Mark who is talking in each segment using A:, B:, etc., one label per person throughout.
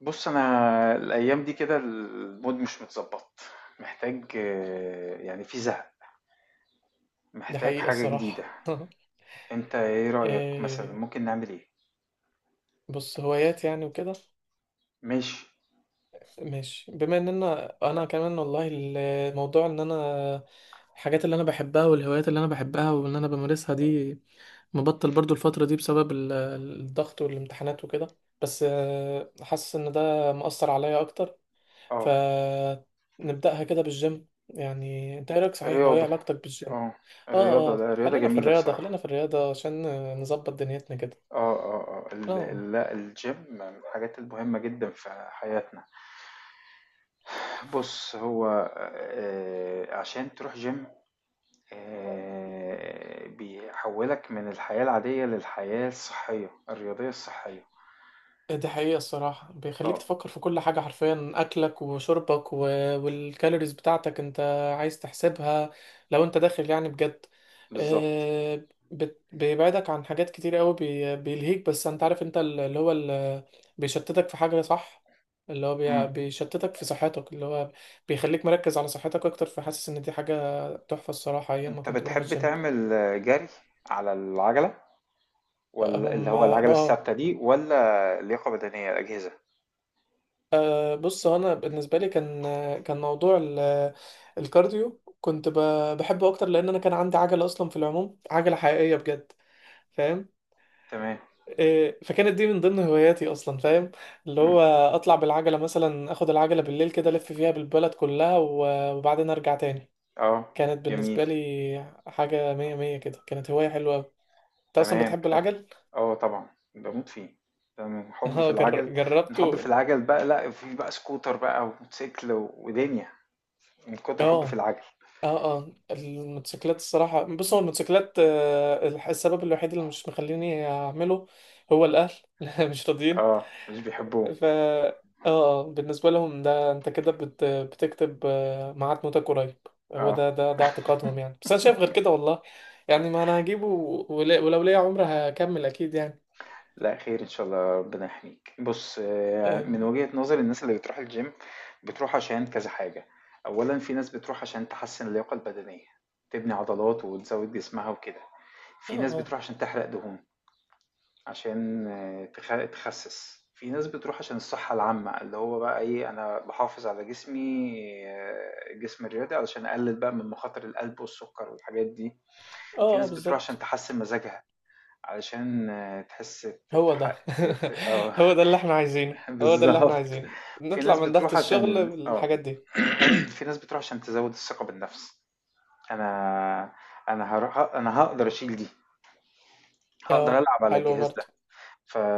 A: بص، انا الايام دي كده المود مش متظبط. محتاج، يعني في زهق.
B: دي
A: محتاج
B: حقيقة
A: حاجة جديدة.
B: الصراحة
A: انت ايه رأيك؟ مثلا
B: إيه،
A: ممكن نعمل ايه؟
B: بص هوايات يعني وكده.
A: ماشي.
B: ماشي، بما ان انا كمان والله. الموضوع ان انا، الحاجات اللي انا بحبها والهوايات اللي انا بحبها وان انا بمارسها دي، مبطل برضو الفترة دي بسبب الضغط والامتحانات وكده. بس حاسس ان ده مؤثر عليا اكتر.
A: اه.
B: فنبدأها كده بالجيم، يعني انت ايه رأيك؟ صحيح هو ايه
A: الرياضة.
B: علاقتك بالجيم؟
A: اه.
B: اه
A: الرياضة،
B: اه،
A: لا، الرياضة
B: خلينا في
A: جميلة
B: الرياضة، خلينا
A: بصراحة.
B: في الرياضة عشان نظبط دنيتنا كده.
A: اه، اه، اه،
B: اه،
A: لا، الجيم من الحاجات المهمة جدا في حياتنا. بص، هو عشان تروح جيم. بيحولك من الحياة العادية للحياة الصحية الرياضية الصحية.
B: دي حقيقة الصراحة بيخليك
A: اه،
B: تفكر في كل حاجة حرفيا، أكلك وشربك والكالوريز بتاعتك أنت عايز تحسبها لو أنت داخل يعني بجد.
A: بالضبط.
B: بيبعدك عن حاجات كتير قوي، بيلهيك. بس أنت عارف أنت بيشتتك في حاجة صح، اللي هو
A: إمم.
B: بيشتتك في صحتك، اللي هو بيخليك مركز على صحتك أكتر. فحاسس إن دي حاجة تحفة الصراحة أيام ما
A: أنت
B: كنت بروح
A: بتحب
B: الجيم.
A: تعمل جري على العجلة والّا اللي
B: أم...
A: هو العجلة
B: آه
A: الثابتة دي والّا لياقة بدنية الأجهزة؟
B: بص، هو انا بالنسبه لي كان، كان موضوع الكارديو كنت بحبه اكتر، لان انا كان عندي عجله اصلا. في العموم، عجله حقيقيه بجد، فاهم؟
A: تمام.
B: إيه، فكانت دي من ضمن هواياتي اصلا، فاهم؟ اللي
A: إمم.
B: هو اطلع بالعجله مثلا، اخد العجله بالليل كده الف فيها بالبلد كلها وبعدين ارجع تاني.
A: آه.
B: كانت
A: جميل.
B: بالنسبه لي حاجه مية مية كده، كانت هوايه حلوه أوي. انت اصلا
A: تمام،
B: بتحب
A: حلو.
B: العجل؟
A: آه، طبعًا، باموت فيه. ده من حُبّي في
B: اه،
A: العَجَل. من
B: جربته.
A: حُبّي في العَجَل بقى، لأ، في بقى سكوتر بقى وموتوسيكل ودنيا. من كتر حُبّي في
B: اه
A: العَجَل.
B: اه اه، الموتوسيكلات الصراحة. بص، هو الموتوسيكلات السبب الوحيد اللي مش مخليني أعمله هو الأهل. مش راضيين.
A: آه، مش بيحبّوه.
B: ف اه آه، بالنسبة لهم ده انت كده بتكتب ميعاد موتك قريب. هو
A: آه.
B: ده اعتقادهم يعني، بس انا شايف غير كده والله. يعني ما انا هجيبه ولو ليا عمر هكمل اكيد يعني.
A: لا، خير ان شاء الله، ربنا يحميك. بص، من
B: اه
A: وجهة نظر الناس اللي بتروح الجيم، بتروح عشان كذا حاجة. اولا، في ناس بتروح عشان تحسن اللياقة البدنية، تبني عضلات وتزود جسمها وكده.
B: اه
A: في ناس
B: اه،
A: بتروح عشان تحرق دهون، عشان تخسس. في ناس بتروح عشان الصحة العامة، اللي هو بقى ايه، انا بحافظ على جسمي، الجسم الرياضي، علشان اقلل بقى من مخاطر القلب والسكر والحاجات دي. في
B: آه، آه،
A: ناس بتروح عشان
B: بالظبط.
A: تحسن مزاجها، علشان تحس،
B: هو
A: تحقق،
B: ده
A: ت آه
B: هو ده اللي احنا عايزينه، هو ده اللي احنا
A: بالضبط.
B: عايزينه.
A: في
B: نطلع
A: ناس
B: من ضغط
A: بتروح
B: الشغل
A: عشان.
B: بالحاجات دي.
A: في ناس بتروح عشان تزوّد الثقة بالنفس. أنا أنا هاروح، أنا هاقدر أشيل دي، هاقدر
B: اه،
A: ألعب على
B: حلو
A: الجهاز ده.
B: برضه.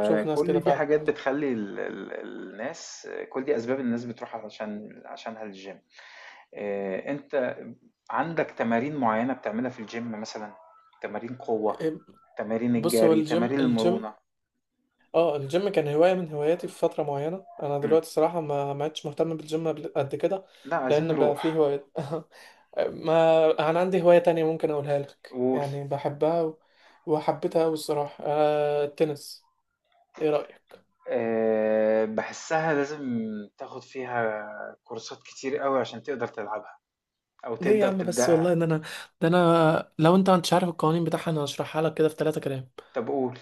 B: بشوف ناس كده
A: دي
B: فعلا.
A: حاجات بتخلّي ال ال الناس، كل دي أسباب الناس بتروح عشانها للgym. أنت عندك تمارين معيّنة بتعملها في الgym مثلًا؟ تمارين قوة،
B: إيه،
A: تمارين
B: بص هو
A: الجري،
B: الجيم
A: تمارين
B: الجيم
A: المرونة؟
B: اه، الجيم كان هواية من هواياتي في فترة معينة. انا
A: إمم.
B: دلوقتي صراحة ما عدتش مهتم بالجيم قد كده.
A: لأ، عايزين
B: لان بقى فيه
A: نروح
B: هوايات. ما انا عندي هواية تانية ممكن اقولها لك
A: و.
B: يعني، بحبها وحبيتها قوي الصراحة، آه التنس. ايه رأيك؟
A: باحسّها لازم تاخُد فيها كورسات كتير أوي، عشان تقدر تلعبها أو
B: ليه يا
A: تقدر
B: عم بس والله
A: تبدأها.
B: ان انا، ده انا لو انت مش عارف القوانين بتاعها انا هشرحها لك كده في ثلاثة كلام.
A: طَب قُل.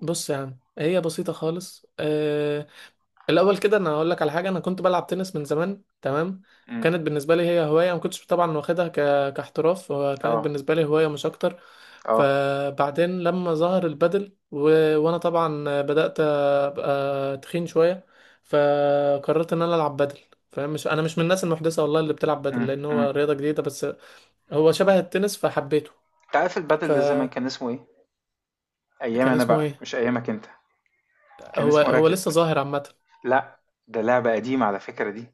B: بص يا عم، هي بسيطة خالص. الاول كده انا هقول لك على حاجه، انا كنت بلعب تنس من زمان، تمام؟
A: إمم.
B: كانت بالنسبه لي هي هوايه، ما كنتش طبعا واخدها كاحتراف، وكانت
A: آه،
B: بالنسبه لي هوايه مش اكتر.
A: آه.
B: فبعدين لما ظهر البادل وانا طبعا بدات ابقى تخين شويه، فقررت ان انا العب بادل، فاهم؟ مش انا مش من الناس المحدثه والله اللي بتلعب بادل
A: إمم،
B: لان
A: إمم.
B: هو رياضه جديده، بس هو شبه التنس فحبيته.
A: أنت عارف البادل ده زمان
B: فكان
A: كان اسمه إيه؟ أيامي أنا
B: اسمه
A: بقى،
B: ايه؟
A: مش أيامك أنت. كان
B: هو
A: اسمه
B: هو لسه
A: راكت.
B: ظاهر عامه؟
A: لأ، ده لعبة قديمة على فكرة دي،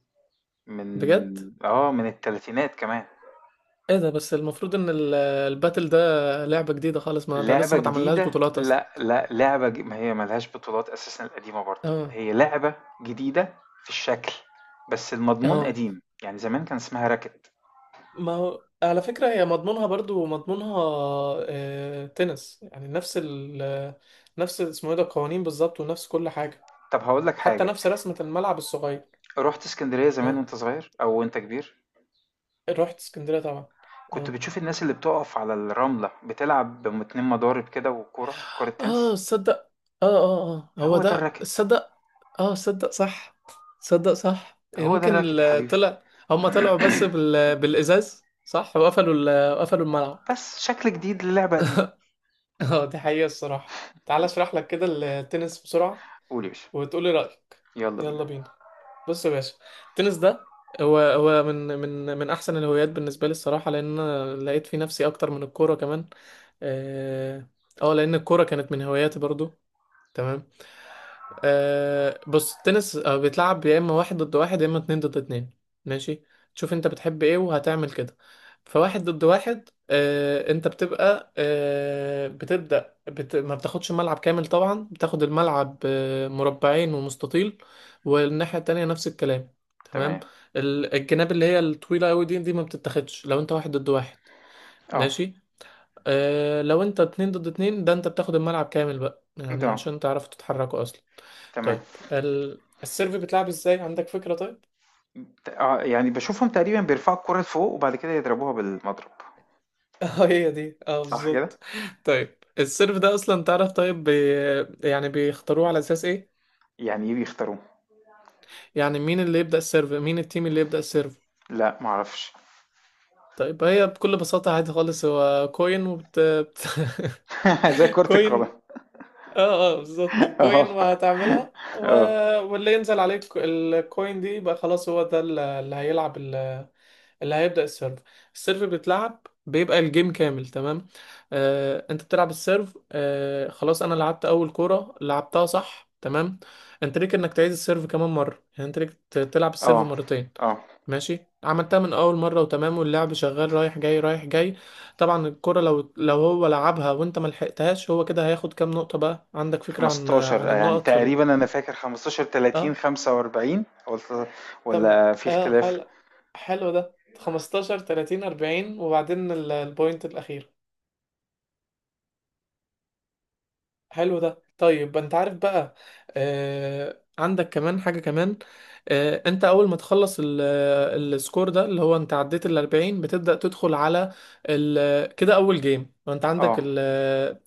A: من
B: بجد؟
A: من التلاتينات كمان.
B: ايه ده؟ بس المفروض ان الباتل ده لعبة جديدة خالص، ما ده لسه
A: لعبة
B: ما اتعملهاش
A: جديدة،
B: بطولات اصلا.
A: لأ، لأ، لعبة ما هي ما لهاش بطولات أساسًا، القديمة برضه،
B: اه
A: هي لعبة جديدة في الشكل، بس المضمون
B: اه،
A: قديم، يعني زمان كان اسمها racket.
B: ما هو على فكرة هي مضمونها برضو مضمونها آه، تنس يعني نفس اسمه ايه ده، القوانين بالظبط، ونفس كل حاجة.
A: طب، هاقول لك
B: حتى
A: حاجة،
B: نفس رسمة الملعب الصغير.
A: رُحت إسكندرية زمان
B: اه،
A: وأنت صغير أو وأنت كبير؟
B: رحت اسكندرية طبعا.
A: كنت
B: اه
A: بتشوف الناس اللي بتقف على الرملة بتلعب 2 مضارب كده وكورة، كورة
B: اه
A: تنس.
B: صدق. اه اه اه، هو
A: هو ده
B: ده
A: الracket،
B: صدق. اه صدق صح، صدق صح.
A: هو ده
B: يمكن
A: الracket يا حبيبي،
B: طلع، هما طلعوا بس بالازاز صح، وقفلوا قفلوا الملعب.
A: بس شكل جديد للعبة قديمة.
B: اه، دي حقيقة الصراحة. تعال اشرح لك كده التنس بسرعة
A: قول يا باشا،
B: وتقولي رأيك.
A: يلا بينا.
B: يلا بينا. بص يا باشا، التنس ده هو من احسن الهوايات بالنسبة لي الصراحة، لان أنا لقيت في نفسي اكتر من الكورة كمان. اه، آه، لان الكورة كانت من هواياتي برضو، تمام. آه بص التنس بيتلعب يا اما واحد ضد واحد يا اما اتنين ضد اتنين، ماشي. تشوف انت بتحب ايه وهتعمل كده. فواحد ضد واحد، آه انت بتبقى آه بتبدأ بت... ما بتاخدش ملعب كامل طبعا، بتاخد الملعب آه مربعين ومستطيل، والناحية التانية نفس الكلام،
A: تمام.
B: تمام. الجناب اللي هي الطويلة قوي دي ما بتتاخدش لو انت واحد ضد واحد،
A: آه،
B: ماشي. آه، لو انت اتنين ضد اتنين ده انت بتاخد الملعب كامل بقى
A: أنت،
B: يعني عشان تعرفوا تتحركوا اصلا.
A: تمام.
B: طيب السيرف بتلعب ازاي؟ عندك فكرة طيب؟
A: اه، يعني بشوفهم تقريبا بيرفعوا الكرة لفوق، وبعد كده يضربوها بالمضرب.
B: اه هي دي، اه
A: صح كده؟
B: بالظبط. طيب السيرف ده اصلا تعرف طيب، يعني بيختاروه على اساس ايه؟
A: يعني ايه بيختاروه؟
B: يعني مين اللي يبدأ السيرف؟ مين التيم اللي يبدأ السيرف؟
A: لا، معرفش.
B: طيب هي بكل بساطة عادي خالص، هو كوين،
A: زي كرة القدم.
B: كوين. اه اه بالظبط، كوين
A: اه،
B: وهتعملها
A: اه،
B: واللي ينزل عليك الكوين دي يبقى خلاص هو ده اللي هيلعب، اللي هيبدأ السيرف. السيرف بيتلعب بيبقى الجيم كامل، تمام. انت بتلعب السيرف. خلاص انا لعبت اول كورة لعبتها صح تمام، انت ليك انك تعيد السيرف كمان مرة، يعني انت ليك تلعب السيرف
A: اه،
B: مرتين.
A: اه،
B: ماشي، عملتها من اول مرة وتمام، واللعب شغال رايح جاي رايح جاي. طبعا الكرة لو هو لعبها وانت ما لحقتهاش، هو كده هياخد كام نقطة. بقى عندك فكرة عن
A: 15 يعني
B: النقط في
A: تقريبا، انا فاكر 15 30
B: اه
A: 45، ولا،
B: طب،
A: ولا في
B: اه
A: اختلاف؟
B: حلو. حلو ده 15 30 40 وبعدين البوينت الأخير. حلو ده. طيب انت عارف بقى، آه عندك كمان حاجة كمان. آه، انت اول ما تخلص السكور ده اللي هو انت عديت ال 40 بتبدأ تدخل على ال كده اول جيم، وانت عندك
A: اه.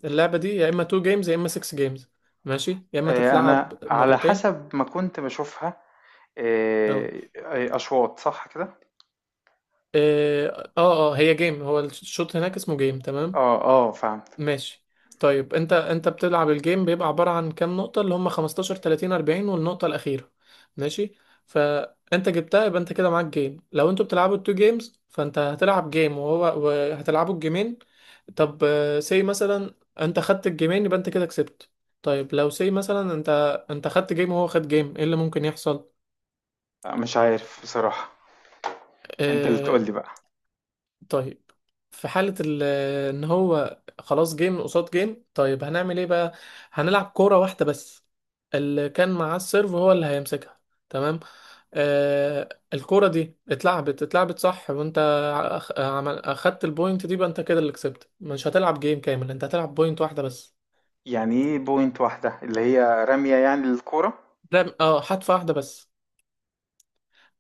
B: اللعبة دي يا اما 2 جيمز يا اما 6 جيمز، ماشي، يا اما
A: آه،
B: تتلعب
A: انا على
B: مرتين.
A: حسب ما كنت بشوفها، آه،
B: اه
A: آه، اشواط، صح كده؟
B: اه اه آه، هي جيم، هو الشوط هناك اسمه جيم، تمام.
A: اه، اه، فهمت.
B: ماشي. طيب انت بتلعب الجيم بيبقى عبارة عن كام نقطة، اللي هم 15 30 40 والنقطة الأخيرة، ماشي. فانت جبتها يبقى انت كده معاك جيم. لو انتوا بتلعبوا التو جيمز فانت هتلعب جيم وهو وهتلعبوا الجيمين. طب، سي مثلا انت خدت الجيمين يبقى انت كده كسبت. طيب لو سي مثلا، انت خدت جيم وهو خد جيم، ايه اللي ممكن يحصل؟
A: مش عارف بصراحة. انت اللي
B: آه،
A: تقول لي بقى.
B: طيب في حالة ان هو خلاص جيم قصاد جيم، طيب هنعمل ايه بقى؟ هنلعب كورة واحدة بس، اللي كان معاه السيرف هو اللي هيمسكها، تمام. آه الكورة دي اتلعبت صح، وانت اخدت البوينت دي، بقى انت كده اللي كسبت. مش هتلعب جيم كامل، انت هتلعب بوينت واحدة بس.
A: يعني ايه بوينت واحدة؟ اللي هي رمية يعني للكورة.
B: لا اه، حدفة واحدة بس.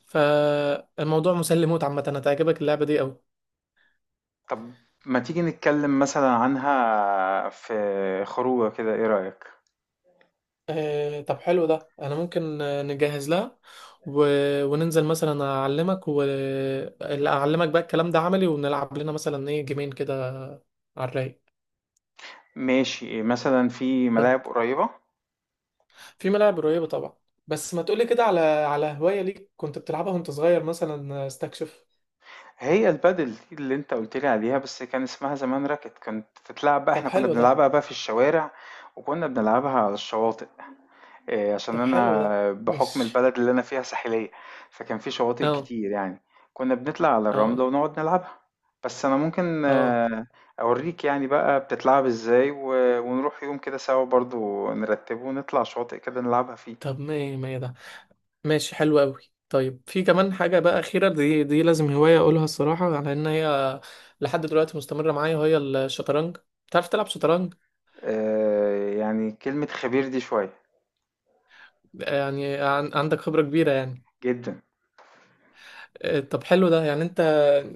B: فالموضوع مسلي موت عامة، هتعجبك اللعبة دي قوي.
A: طب، ما تيجي نتكلم مثلا عنها في خروجة كده، ايه رأيك؟
B: آه، طب حلو ده. انا ممكن نجهز لها و... وننزل مثلا، اعلمك واعلمك بقى الكلام ده عملي، ونلعب لنا مثلا ايه جيمين كده على الرايق.
A: ماشي، مثلا في
B: طيب،
A: ملاعب قريبة.
B: في ملاعب قريبة طبعا. بس ما تقولي كده على هواية ليك كنت بتلعبها وانت صغير مثلا؟ آه، استكشف.
A: هي البادل دي اللي انت قلت لي عليها، بس كان اسمها زمان راكت، كانت تتلعب بقى،
B: طب
A: احنا كنا
B: حلو ده.
A: بنلعبها بقى في الشوارع، وكنا بنلعبها على الشواطئ. إيه، عشان
B: طب حلو ده
A: انا بحكم
B: ماشي.
A: البلد اللي انا فيها ساحلية. فكان في شواطئ
B: اه
A: كتير يعني. كنا بنطلع على الرملة
B: اه
A: ونقعد نلعبها. بس انا ممكن،
B: اه.
A: اوريك يعني بقى بتتلعب ازاي، ونروح يوم كده سوا برضو، نرتبه ونطلع شواطئ كده نلعبها فيه.
B: طب ما ما ده ماشي حلو قوي. طيب في كمان حاجة بقى أخيرة، دي لازم هواية أقولها الصراحة على إن هي لحد دلوقتي مستمرة معايا، وهي الشطرنج. بتعرف تلعب شطرنج؟
A: آه، يعني كلمة خبير دي شوية.
B: يعني عندك خبرة كبيرة يعني.
A: جدا.
B: آه، طب حلو ده. يعني أنت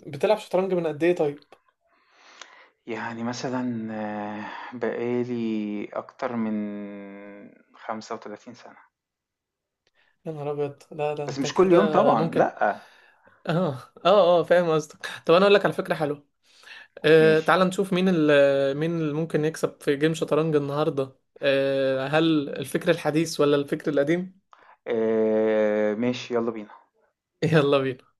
B: بتلعب شطرنج من قد إيه طيب؟
A: يعني مثلا، بقالي اكتر من 35 سنة.
B: يا نهار أبيض! لا ده
A: بس
B: أنت
A: مش كل يوم
B: كده
A: طبعا،
B: ممكن.
A: لأ.
B: آه آه آه، فاهم قصدك. طب أنا أقول لك على فكرة حلوة، آه،
A: ماشي.
B: تعال نشوف مين ال مين اللي ممكن يكسب في جيم شطرنج النهاردة. آه، هل الفكر الحديث ولا الفكر القديم؟
A: آه، ماشي، يلا بينا.
B: يلا بينا.